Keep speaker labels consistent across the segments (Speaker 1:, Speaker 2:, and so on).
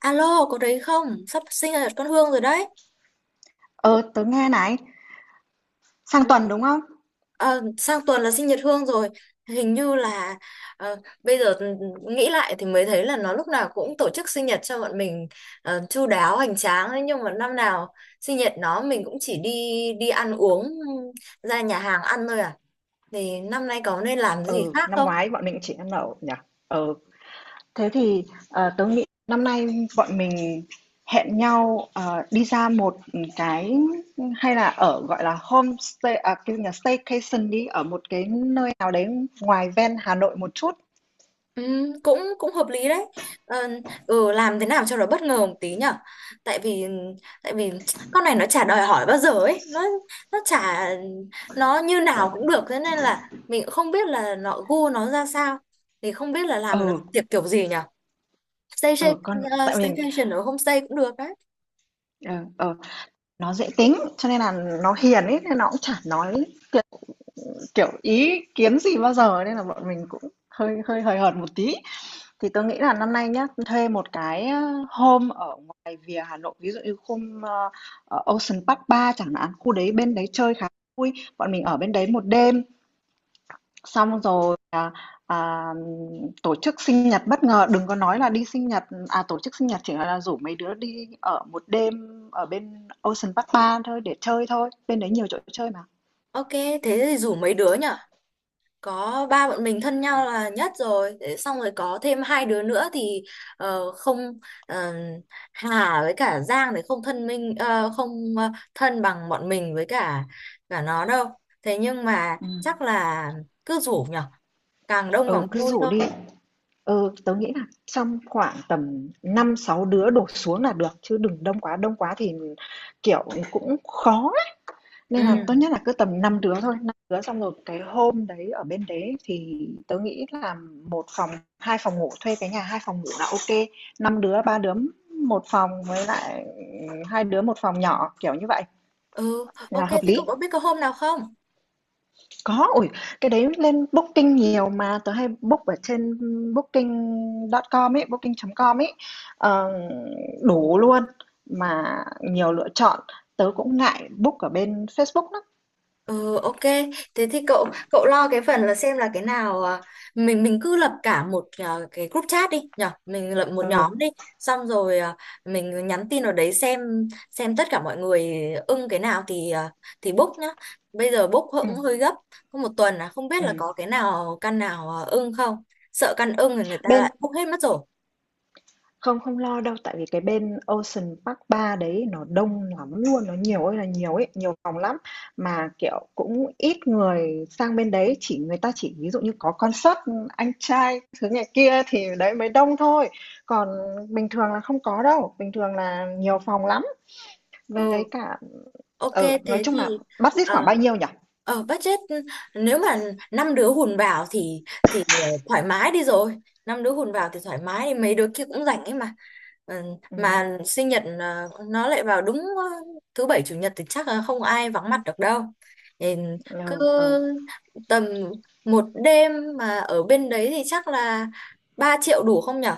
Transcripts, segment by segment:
Speaker 1: Alo, có đấy không? Sắp sinh nhật con Hương rồi đấy.
Speaker 2: Ờ, tớ nghe này, sang tuần đúng không?
Speaker 1: Ờ, sang tuần là sinh nhật Hương rồi. Hình như là ờ, bây giờ nghĩ lại thì mới thấy là nó lúc nào cũng tổ chức sinh nhật cho bọn mình, chu đáo hoành tráng ấy. Nhưng mà năm nào sinh nhật nó mình cũng chỉ đi đi ăn uống, ra nhà hàng ăn thôi à. Thì năm nay có nên làm gì
Speaker 2: Ừ,
Speaker 1: khác
Speaker 2: năm
Speaker 1: không?
Speaker 2: ngoái bọn mình chỉ ăn lẩu nhỉ? Ừ, thế thì tớ nghĩ năm nay bọn mình hẹn nhau đi ra một cái, hay là ở gọi là homestay, à, cái gì nhỉ? Staycation đi ở một cái nơi nào đấy ngoài ven Hà Nội một chút.
Speaker 1: Ừ, cũng cũng hợp lý đấy. ờ, làm thế nào cho nó bất ngờ một tí nhở, tại vì tại vì con này nó chả đòi hỏi bao giờ ấy, nó chả nó như nào cũng được, thế nên là mình cũng không biết là nó gu nó ra sao, thì không biết là làm
Speaker 2: Ừ,
Speaker 1: tiệc kiểu gì nhở. Stay, stay,
Speaker 2: ừ, con tại vì
Speaker 1: Staycation ở homestay cũng được đấy.
Speaker 2: ờ, ờ, nó dễ tính cho nên là nó hiền ấy nên nó cũng chả nói kiểu, ý kiến gì bao giờ nên là bọn mình cũng hơi hơi hời hợt một tí. Thì tôi nghĩ là năm nay nhá, thuê một cái, home ở ngoài vỉa Hà Nội, ví dụ như khu, ở Ocean Park ba chẳng hạn, khu đấy bên đấy chơi khá vui. Bọn mình ở bên đấy một đêm, xong rồi, à, tổ chức sinh nhật bất ngờ, đừng có nói là đi sinh nhật, à, tổ chức sinh nhật chỉ là rủ mấy đứa đi ở một đêm ở bên Ocean Park ba thôi để chơi thôi, bên đấy nhiều chỗ chơi mà.
Speaker 1: Ok thế thì rủ mấy đứa nhở, có ba bọn mình thân nhau là nhất rồi. Thế xong rồi có thêm hai đứa nữa thì ờ, không ờ, Hà với cả Giang thì không thân minh ờ, không ờ, thân bằng bọn mình, với cả cả nó đâu. Thế nhưng mà
Speaker 2: Ừm,
Speaker 1: chắc là cứ rủ nhở, càng đông
Speaker 2: ừ,
Speaker 1: càng
Speaker 2: cứ
Speaker 1: vui
Speaker 2: rủ
Speaker 1: thôi.
Speaker 2: đi. Ừ, tớ nghĩ là trong khoảng tầm năm sáu đứa đổ xuống là được chứ đừng đông quá, đông quá thì kiểu cũng khó á. Nên là tốt
Speaker 1: ừ
Speaker 2: nhất là cứ tầm 5 đứa thôi, 5 đứa xong rồi cái hôm đấy ở bên đấy thì tớ nghĩ là một phòng, hai phòng ngủ, thuê cái nhà hai phòng ngủ là ok. Năm đứa, ba đứa một phòng với lại hai đứa một phòng nhỏ kiểu như vậy
Speaker 1: ừ
Speaker 2: là
Speaker 1: ok
Speaker 2: hợp
Speaker 1: thế
Speaker 2: lý.
Speaker 1: cậu có biết có hôm nào không?
Speaker 2: Có, ủi cái đấy lên Booking nhiều mà, tớ hay book ở trên Booking.com ấy, Booking.com ấy, ờ, đủ luôn, mà nhiều lựa chọn. Tớ cũng ngại book ở bên Facebook lắm.
Speaker 1: Ừ, ok. Thế thì cậu cậu lo cái phần là xem là cái nào, mình cứ lập cả một, cái group chat đi nhở, mình lập một
Speaker 2: Ừ,
Speaker 1: nhóm đi, xong rồi mình nhắn tin vào đấy xem tất cả mọi người ưng cái nào thì, thì book nhá. Bây giờ book cũng
Speaker 2: ừm,
Speaker 1: hơi gấp, có một tuần là không biết là
Speaker 2: ừm.
Speaker 1: có cái nào, căn nào ưng không, sợ căn ưng thì người ta
Speaker 2: Bên
Speaker 1: lại book hết mất rồi.
Speaker 2: Không, không lo đâu, tại vì cái bên Ocean Park ba đấy nó đông lắm luôn, nó nhiều ơi là nhiều ấy, nhiều phòng lắm mà kiểu cũng ít người sang bên đấy, chỉ người ta chỉ ví dụ như có concert anh trai thứ này kia thì đấy mới đông thôi. Còn bình thường là không có đâu, bình thường là nhiều phòng lắm. Với
Speaker 1: ừ
Speaker 2: cả
Speaker 1: Ok.
Speaker 2: ở, nói
Speaker 1: thế
Speaker 2: chung là
Speaker 1: thì
Speaker 2: budget
Speaker 1: ờ,
Speaker 2: khoảng bao nhiêu nhỉ?
Speaker 1: ờ, budget, nếu mà năm đứa hùn vào thì thì thoải mái đi rồi. Năm đứa hùn vào thì thoải mái, mấy đứa kia cũng rảnh ấy mà. Ờ,
Speaker 2: Ừ,
Speaker 1: mà sinh nhật nó lại vào đúng thứ bảy chủ nhật thì chắc là không ai vắng mặt được đâu, thì cứ
Speaker 2: ừ, ừ.
Speaker 1: tầm một đêm mà ở bên đấy thì chắc là 3 triệu đủ không nhở?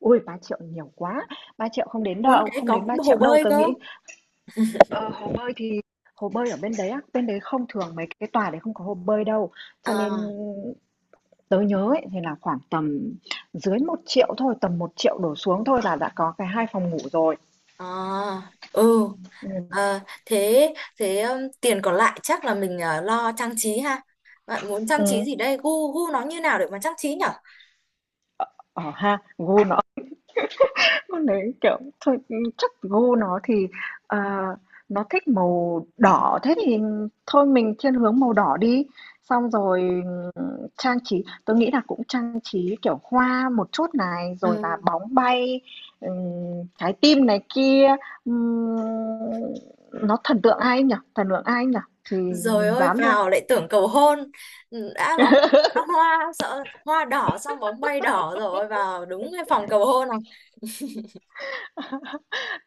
Speaker 2: Ui, 3 triệu nhiều quá. 3 triệu không đến
Speaker 1: Muốn
Speaker 2: đâu,
Speaker 1: cái
Speaker 2: không
Speaker 1: có
Speaker 2: đến 3
Speaker 1: cũng hồ
Speaker 2: triệu đâu.
Speaker 1: bơi
Speaker 2: Tớ
Speaker 1: cơ.
Speaker 2: nghĩ. Ờ, hồ bơi thì hồ bơi ở bên đấy á, bên đấy không thường, mấy cái tòa đấy không có hồ bơi đâu. Cho nên
Speaker 1: à,
Speaker 2: tớ nhớ ấy, thì là khoảng tầm dưới 1 triệu thôi, tầm 1 triệu đổ xuống thôi là đã có cái hai phòng ngủ rồi.
Speaker 1: à ừ.
Speaker 2: Ừ.
Speaker 1: Ờ, thế thế tiền còn lại chắc là mình lo trang trí ha. Bạn muốn trang trí
Speaker 2: Ừ.
Speaker 1: gì đây? Gu gu nó như nào để mà trang trí nhở?
Speaker 2: Ờ ha, vui. Con đấy, kiểu, thôi, chắc gu nó thì, ờ, nó thích màu đỏ, thế thì thôi mình thiên hướng màu đỏ đi. Xong rồi, ừm, trang trí tôi nghĩ là cũng trang trí, kiểu, hoa một chút này, rồi là
Speaker 1: Ừ.
Speaker 2: bóng bay, ừm, trái tim này kia. Ừm, nó thần tượng ai nhỉ? Thần tượng ai nhỉ? Thì
Speaker 1: Rồi
Speaker 2: mình
Speaker 1: ôi
Speaker 2: dán luôn.
Speaker 1: vào lại tưởng cầu hôn. Ừ, đã bóng, đã hoa, sợ hoa đỏ xong bóng bay đỏ rồi vào đúng cái phòng cầu hôn này.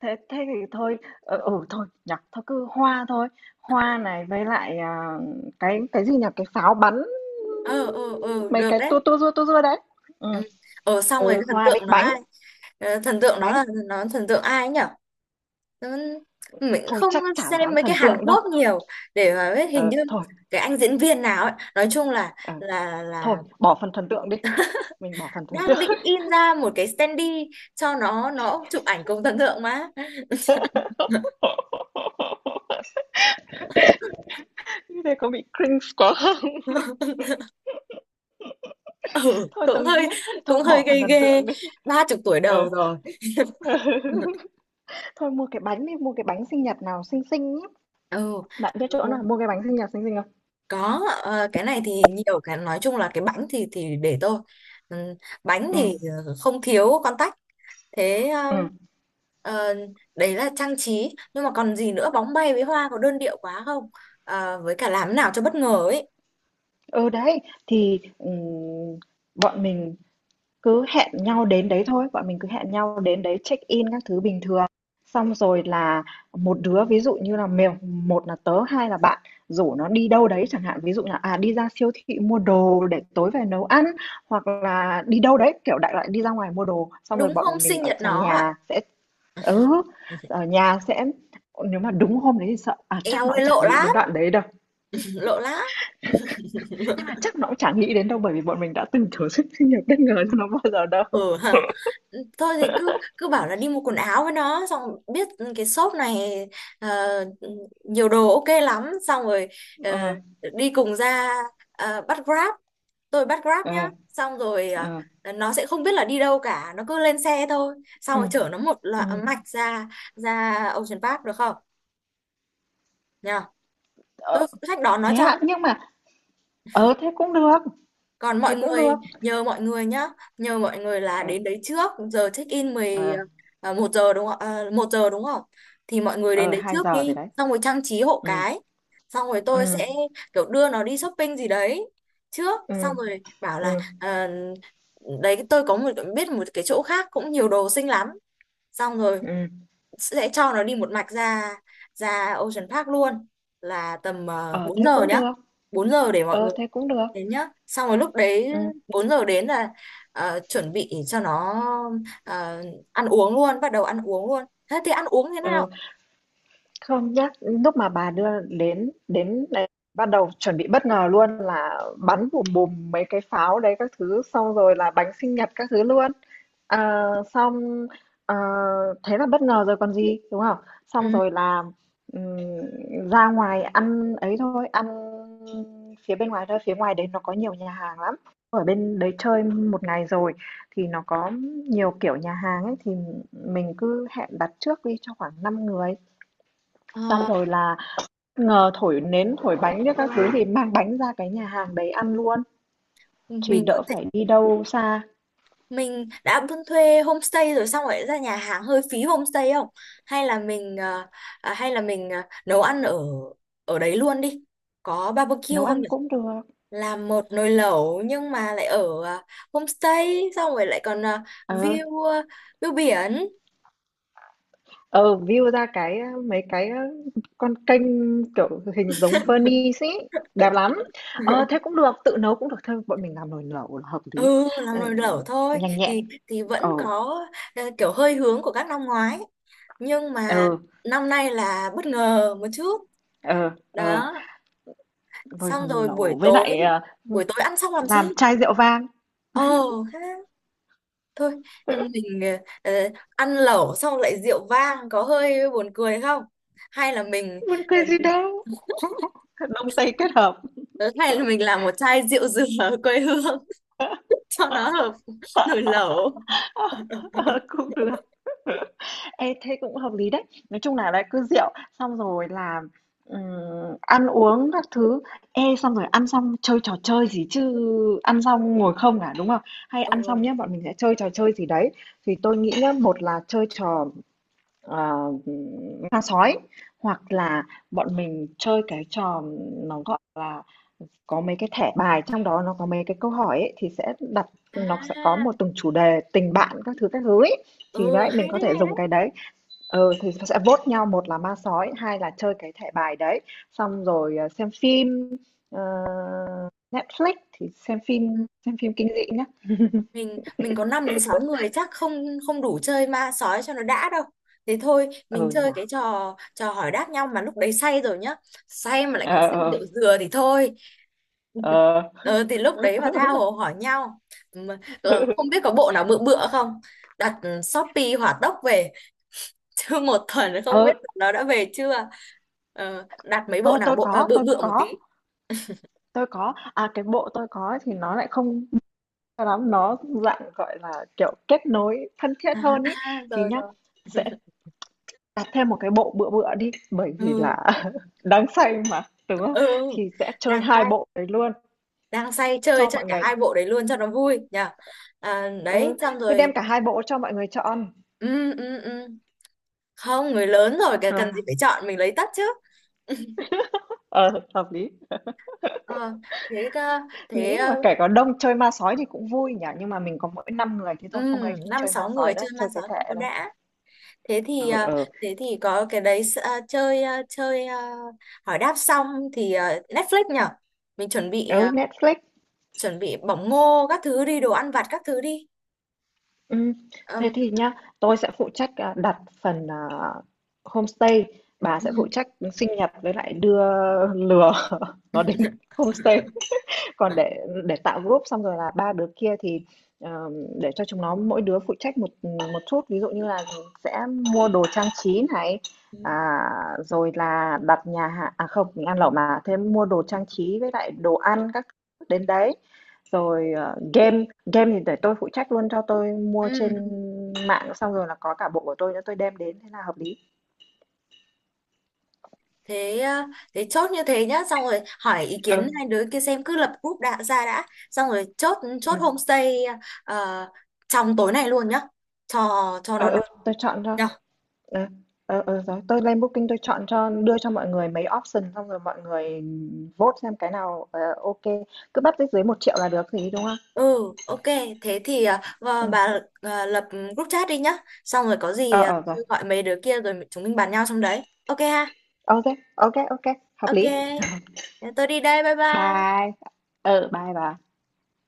Speaker 2: Thế thế thì thôi, thôi, nhặt thôi cứ hoa thôi, hoa này với lại, à, cái gì nhỉ, cái pháo bắn,
Speaker 1: Ờ ờ ờ,
Speaker 2: mấy
Speaker 1: được
Speaker 2: cái
Speaker 1: đấy.
Speaker 2: tua tua rua đấy. Ừ,
Speaker 1: Ừ. Ờ xong rồi
Speaker 2: ừ,
Speaker 1: cái thần
Speaker 2: hoa
Speaker 1: tượng
Speaker 2: với
Speaker 1: nó
Speaker 2: bánh,
Speaker 1: ai? Ờ, thần tượng nó
Speaker 2: bánh,
Speaker 1: là, nó thần tượng ai nhỉ? Nó- mình
Speaker 2: thôi
Speaker 1: không
Speaker 2: chắc chả
Speaker 1: xem
Speaker 2: dám
Speaker 1: mấy cái
Speaker 2: thần
Speaker 1: Hàn
Speaker 2: tượng đâu.
Speaker 1: Quốc nhiều để mà biết, hình
Speaker 2: Ờ,
Speaker 1: như
Speaker 2: thôi,
Speaker 1: cái anh diễn viên nào ấy, nói chung là
Speaker 2: ờ, thôi, bỏ phần thần tượng đi, mình bỏ phần thần tượng.
Speaker 1: đang định in ra một cái standee cho nó chụp ảnh cùng thần tượng mà.
Speaker 2: Như thế có bị cringe quá không?
Speaker 1: Ừ
Speaker 2: Thôi tớ
Speaker 1: cũng
Speaker 2: nghĩ
Speaker 1: hơi,
Speaker 2: nhá, thôi
Speaker 1: cũng hơi
Speaker 2: bỏ phần
Speaker 1: ghê
Speaker 2: thần
Speaker 1: ghê,
Speaker 2: tượng đi.
Speaker 1: 30 tuổi
Speaker 2: Ờ.
Speaker 1: đầu rồi.
Speaker 2: Thôi mua cái bánh đi, mua cái bánh sinh nhật nào xinh xinh.
Speaker 1: Ừ
Speaker 2: Bạn biết chỗ nào mua cái bánh sinh nhật xinh xinh không?
Speaker 1: có, cái này thì nhiều, cái nói chung là cái bánh thì để tôi. Ừ, bánh
Speaker 2: Ừ,
Speaker 1: thì không thiếu con tách. Thế
Speaker 2: ừ.
Speaker 1: ờ, đấy là trang trí, nhưng mà còn gì nữa? Bóng bay với hoa có đơn điệu quá không? Ờ, với cả làm nào cho bất ngờ ấy.
Speaker 2: Ừ, đấy, thì, bọn mình cứ hẹn nhau đến đấy thôi, bọn mình cứ hẹn nhau đến đấy check-in các thứ bình thường. Xong rồi là một đứa ví dụ như là mèo một là tớ, hai là bạn, rủ nó đi đâu đấy chẳng hạn, ví dụ là, à, đi ra siêu thị mua đồ để tối về nấu ăn, hoặc là đi đâu đấy, kiểu, đại loại đi ra ngoài mua đồ, xong rồi
Speaker 1: Đúng hôm
Speaker 2: bọn mình
Speaker 1: sinh nhật nó à?
Speaker 2: ừ, ở nhà sẽ. Nếu mà đúng hôm đấy thì sợ, à, chắc
Speaker 1: Eo
Speaker 2: nó cũng
Speaker 1: ơi
Speaker 2: chả
Speaker 1: lộ
Speaker 2: nghĩ đến
Speaker 1: lắm,
Speaker 2: đoạn đấy đâu.
Speaker 1: lộ lắm.
Speaker 2: Nhưng mà chắc nó cũng chẳng nghĩ đến đâu bởi vì bọn mình đã từ chối sự sinh nhật bất ngờ cho nó bao giờ đâu.
Speaker 1: Ừ. Ừ, thôi thì cứ cứ bảo là đi mua quần áo với nó, xong biết cái shop này ờ, nhiều đồ ok lắm, xong rồi ờ,
Speaker 2: Ờ,
Speaker 1: đi cùng ra, bắt Grab, tôi bắt Grab nhá,
Speaker 2: ờ,
Speaker 1: xong rồi
Speaker 2: ờ,
Speaker 1: nó sẽ không biết là đi đâu cả, nó cứ lên xe thôi, xong
Speaker 2: ừ,
Speaker 1: rồi chở nó một loạt
Speaker 2: ừ.
Speaker 1: mạch ra, Ocean Park được không, nhờ
Speaker 2: Ờ,
Speaker 1: tôi phụ trách đón nó
Speaker 2: thế ạ,
Speaker 1: cho.
Speaker 2: nhưng mà thế cũng được,
Speaker 1: Còn
Speaker 2: thế
Speaker 1: mọi
Speaker 2: cũng
Speaker 1: người,
Speaker 2: được.
Speaker 1: nhờ mọi người nhá, nhờ mọi người là
Speaker 2: Ờ,
Speaker 1: đến đấy trước, giờ check in 10
Speaker 2: ờ,
Speaker 1: 1 giờ đúng không? À, 1 giờ đúng không? Thì mọi người đến
Speaker 2: ờ,
Speaker 1: đấy
Speaker 2: 2
Speaker 1: trước
Speaker 2: giờ rồi
Speaker 1: đi,
Speaker 2: đấy.
Speaker 1: xong rồi trang trí hộ
Speaker 2: Ừ,
Speaker 1: cái. Xong rồi tôi
Speaker 2: ừ,
Speaker 1: sẽ kiểu đưa nó đi shopping gì đấy trước,
Speaker 2: ừ,
Speaker 1: xong rồi bảo là
Speaker 2: ừ,
Speaker 1: à, đấy tôi có một biết một cái chỗ khác cũng nhiều đồ xinh lắm. Xong rồi
Speaker 2: ừ.
Speaker 1: sẽ cho nó đi một mạch ra, Ocean Park luôn, là tầm
Speaker 2: Ờ
Speaker 1: 4
Speaker 2: thế
Speaker 1: giờ
Speaker 2: cũng
Speaker 1: nhá.
Speaker 2: được.
Speaker 1: Bốn giờ để mọi
Speaker 2: Ờ
Speaker 1: người
Speaker 2: thế cũng được.
Speaker 1: đến nhá. Xong rồi lúc đấy
Speaker 2: Ừ,
Speaker 1: 4 giờ đến là chuẩn bị cho nó ờ, ăn uống luôn, bắt đầu ăn uống luôn. Thế thì ăn uống thế
Speaker 2: ờ.
Speaker 1: nào?
Speaker 2: Không, nhắc lúc mà bà đưa đến đến đấy bắt đầu chuẩn bị bất ngờ luôn là bắn bùm bùm mấy cái pháo đấy các thứ, xong rồi là bánh sinh nhật các thứ luôn. Ờ, xong, ờ, thế là bất ngờ rồi còn gì, đúng không? Xong
Speaker 1: Ừ.
Speaker 2: rồi là, ừm, ra ngoài ăn ấy thôi, ăn phía bên ngoài thôi, phía ngoài đấy nó có nhiều nhà hàng lắm. Ở bên đấy chơi một ngày rồi thì nó có nhiều kiểu nhà hàng ấy thì mình cứ hẹn đặt trước đi cho khoảng 5 người. Xong
Speaker 1: Ờ,
Speaker 2: rồi là, thổi nến, thổi bánh biết các thứ thì mang bánh ra cái nhà hàng đấy ăn luôn, thì
Speaker 1: mình có
Speaker 2: đỡ
Speaker 1: thể,
Speaker 2: phải đi đâu xa,
Speaker 1: mình đã buôn thuê homestay rồi xong rồi ra nhà hàng hơi phí homestay không? Hay là mình nấu ăn ở ở đấy luôn đi. Có barbecue
Speaker 2: nấu
Speaker 1: không
Speaker 2: ăn
Speaker 1: nhỉ?
Speaker 2: cũng được.
Speaker 1: Làm một nồi lẩu, nhưng mà lại ở homestay, xong rồi lại còn
Speaker 2: Ờ,
Speaker 1: view ờ, view biển.
Speaker 2: ờ, view ra cái, mấy cái, con kênh, kiểu, hình giống Venice ấy, đẹp lắm. Ờ, thế cũng được, tự nấu cũng được thôi, bọn mình làm nồi lẩu là hợp lý,
Speaker 1: Ừ làm
Speaker 2: ờ,
Speaker 1: nồi lẩu thôi
Speaker 2: nhanh nhẹn.
Speaker 1: thì vẫn
Speaker 2: Ờ,
Speaker 1: có kiểu hơi hướng của các năm ngoái, nhưng mà
Speaker 2: ừ,
Speaker 1: năm nay là bất ngờ một chút
Speaker 2: ờ, ờ,
Speaker 1: đó.
Speaker 2: nồi
Speaker 1: Xong rồi buổi
Speaker 2: lẩu với
Speaker 1: tối,
Speaker 2: lại,
Speaker 1: ăn xong làm gì?
Speaker 2: làm chai rượu vang,
Speaker 1: Ờ ha, thôi mình ờ, ờ, ăn lẩu xong lại rượu vang có hơi buồn cười không, hay là mình
Speaker 2: buồn
Speaker 1: ờ,
Speaker 2: cười gì đâu. Đông Tây kết hợp.
Speaker 1: ờ, hay là mình làm một chai rượu dừa ở quê hương cho nó hợp
Speaker 2: Ờ,
Speaker 1: nồi lẩu.
Speaker 2: cũng được. Ê, thế cũng hợp lý đấy, nói chung là lại cứ rượu, xong rồi là ăn uống các thứ. Ê, xong rồi ăn xong chơi trò chơi gì chứ? Ăn xong ngồi không à, đúng không? Hay ăn xong
Speaker 1: ừ
Speaker 2: nhá, bọn mình sẽ chơi trò chơi gì đấy, thì tôi nghĩ nhá một là chơi trò, Ờ, ma sói, hoặc là bọn mình chơi cái trò, nó gọi là có mấy cái thẻ bài trong đó, nó có mấy cái câu hỏi ấy, thì sẽ đặt, nó sẽ có
Speaker 1: à
Speaker 2: một từng chủ đề tình bạn các thứ ấy. Thì
Speaker 1: ừ
Speaker 2: đấy mình
Speaker 1: Hay
Speaker 2: có
Speaker 1: đấy,
Speaker 2: thể
Speaker 1: hay đấy.
Speaker 2: dùng cái đấy, thì sẽ vote nhau một là ma sói hai là chơi cái thẻ bài đấy, xong rồi xem phim, ờ, Netflix thì xem
Speaker 1: Ừ.
Speaker 2: phim xem phim kinh dị nhá.
Speaker 1: Mình có 5 đến 6 người chắc không, đủ chơi ma sói cho nó đã đâu. Thế thôi mình
Speaker 2: Ừ nhỉ.
Speaker 1: chơi cái trò trò hỏi đáp nhau, mà lúc đấy say rồi nhá, say mà lại còn
Speaker 2: Ờ,
Speaker 1: say
Speaker 2: ờ,
Speaker 1: rượu dừa thì thôi.
Speaker 2: ờ.
Speaker 1: Ờ, thì lúc đấy mà tha hồ hỏi nhau. Mà, ờ, không biết có bộ nào bự bựa không, đặt Shopee hỏa tốc về, chứ một tuần không biết
Speaker 2: ờ
Speaker 1: nó đã về chưa. Ờ, đặt mấy bộ
Speaker 2: tôi
Speaker 1: nào,
Speaker 2: tôi có
Speaker 1: bự
Speaker 2: tôi
Speaker 1: bựa một tí.
Speaker 2: có Tôi có, à, cái bộ tôi có thì nó lại không cho lắm, nó dạng, gọi là, kiểu, kết nối thân thiết
Speaker 1: À,
Speaker 2: hơn ấy.
Speaker 1: à,
Speaker 2: Thì
Speaker 1: rồi
Speaker 2: nhá,
Speaker 1: rồi.
Speaker 2: sẽ đặt thêm một cái bộ bựa bựa đi, bởi vì
Speaker 1: ừ
Speaker 2: là đáng say mà, đúng không?
Speaker 1: ừ
Speaker 2: Thì sẽ chơi
Speaker 1: Đang
Speaker 2: 2
Speaker 1: say,
Speaker 2: bộ đấy luôn
Speaker 1: chơi
Speaker 2: cho
Speaker 1: chơi
Speaker 2: mọi
Speaker 1: cả
Speaker 2: người.
Speaker 1: hai bộ đấy luôn cho nó vui nhỉ. À, đấy
Speaker 2: ừ,
Speaker 1: xong
Speaker 2: Cứ đem
Speaker 1: rồi.
Speaker 2: cả 2 bộ cho mọi người chọn
Speaker 1: Ừ, ừ, ừ. Không, người lớn rồi kìa, cần gì
Speaker 2: là,
Speaker 1: phải chọn, mình lấy tất chứ.
Speaker 2: ờ, hợp lý.
Speaker 1: Ờ, thế cơ- thế
Speaker 2: Nghĩ mà
Speaker 1: ờ,
Speaker 2: kể có đông chơi ma sói thì cũng vui nhỉ, nhưng mà mình có mỗi 5 người thế thôi, không ấy không
Speaker 1: năm
Speaker 2: chơi ma
Speaker 1: sáu người
Speaker 2: sói nữa,
Speaker 1: chơi ma
Speaker 2: chơi
Speaker 1: sói
Speaker 2: cái
Speaker 1: không
Speaker 2: thẻ
Speaker 1: có
Speaker 2: này.
Speaker 1: đã. thế thì
Speaker 2: Ừ,
Speaker 1: ờ,
Speaker 2: ừ.
Speaker 1: thế thì có cái đấy, chơi hỏi đáp xong thì Netflix nhở. Mình chuẩn bị
Speaker 2: Ừ, Netflix.
Speaker 1: chuẩn bị bỏng ngô các thứ đi, đồ ăn vặt các thứ đi.
Speaker 2: Ừm, thế
Speaker 1: Ừm,
Speaker 2: thì nhá, tôi sẽ phụ trách, à, đặt phần, à, homestay. Bà sẽ phụ
Speaker 1: ừm.
Speaker 2: trách sinh nhật với lại đưa lừa nó đến homestay. Còn để tạo group, xong rồi là ba đứa kia thì, ờ, để cho chúng nó mỗi đứa phụ trách một một chút, ví dụ như là sẽ mua đồ trang trí này,
Speaker 1: Ừm,
Speaker 2: à, rồi là đặt nhà hàng, à, không, mình ăn lẩu mà, thêm mua đồ trang trí với lại đồ ăn các thứ đến đấy. Rồi, game game thì để tôi phụ trách luôn, cho tôi mua
Speaker 1: ừm,
Speaker 2: trên mạng xong rồi là có cả bộ của tôi nữa tôi đem đến, thế là hợp lý.
Speaker 1: thế ờ, thế chốt như thế nhá, xong rồi hỏi ý kiến
Speaker 2: Ừ,
Speaker 1: hai đứa kia xem, cứ lập group đã ra đã, xong rồi chốt, chốt
Speaker 2: ừm,
Speaker 1: homestay ờ, trong tối nay luôn nhá, cho
Speaker 2: ừ,
Speaker 1: nó
Speaker 2: ừ,
Speaker 1: nóng
Speaker 2: tôi chọn cho.
Speaker 1: nhá.
Speaker 2: Ờ, ờ, ờ, rồi tôi lên Booking tôi chọn cho, đưa cho mọi người mấy option xong rồi mọi người vote xem cái nào, ok, cứ bắt dưới 1 triệu là được thì đúng không?
Speaker 1: ừ ok. Thế thì và
Speaker 2: Ừ.
Speaker 1: bà lập group chat đi nhá, xong rồi có gì
Speaker 2: Ờ ờ rồi.
Speaker 1: tôi gọi mấy đứa kia rồi chúng mình bàn nhau trong đấy, ok ha?
Speaker 2: Ok, ok, ok, hợp
Speaker 1: Ok,
Speaker 2: lý.
Speaker 1: tôi đi đây, bye bye.
Speaker 2: Bye. Ờ, bye bye.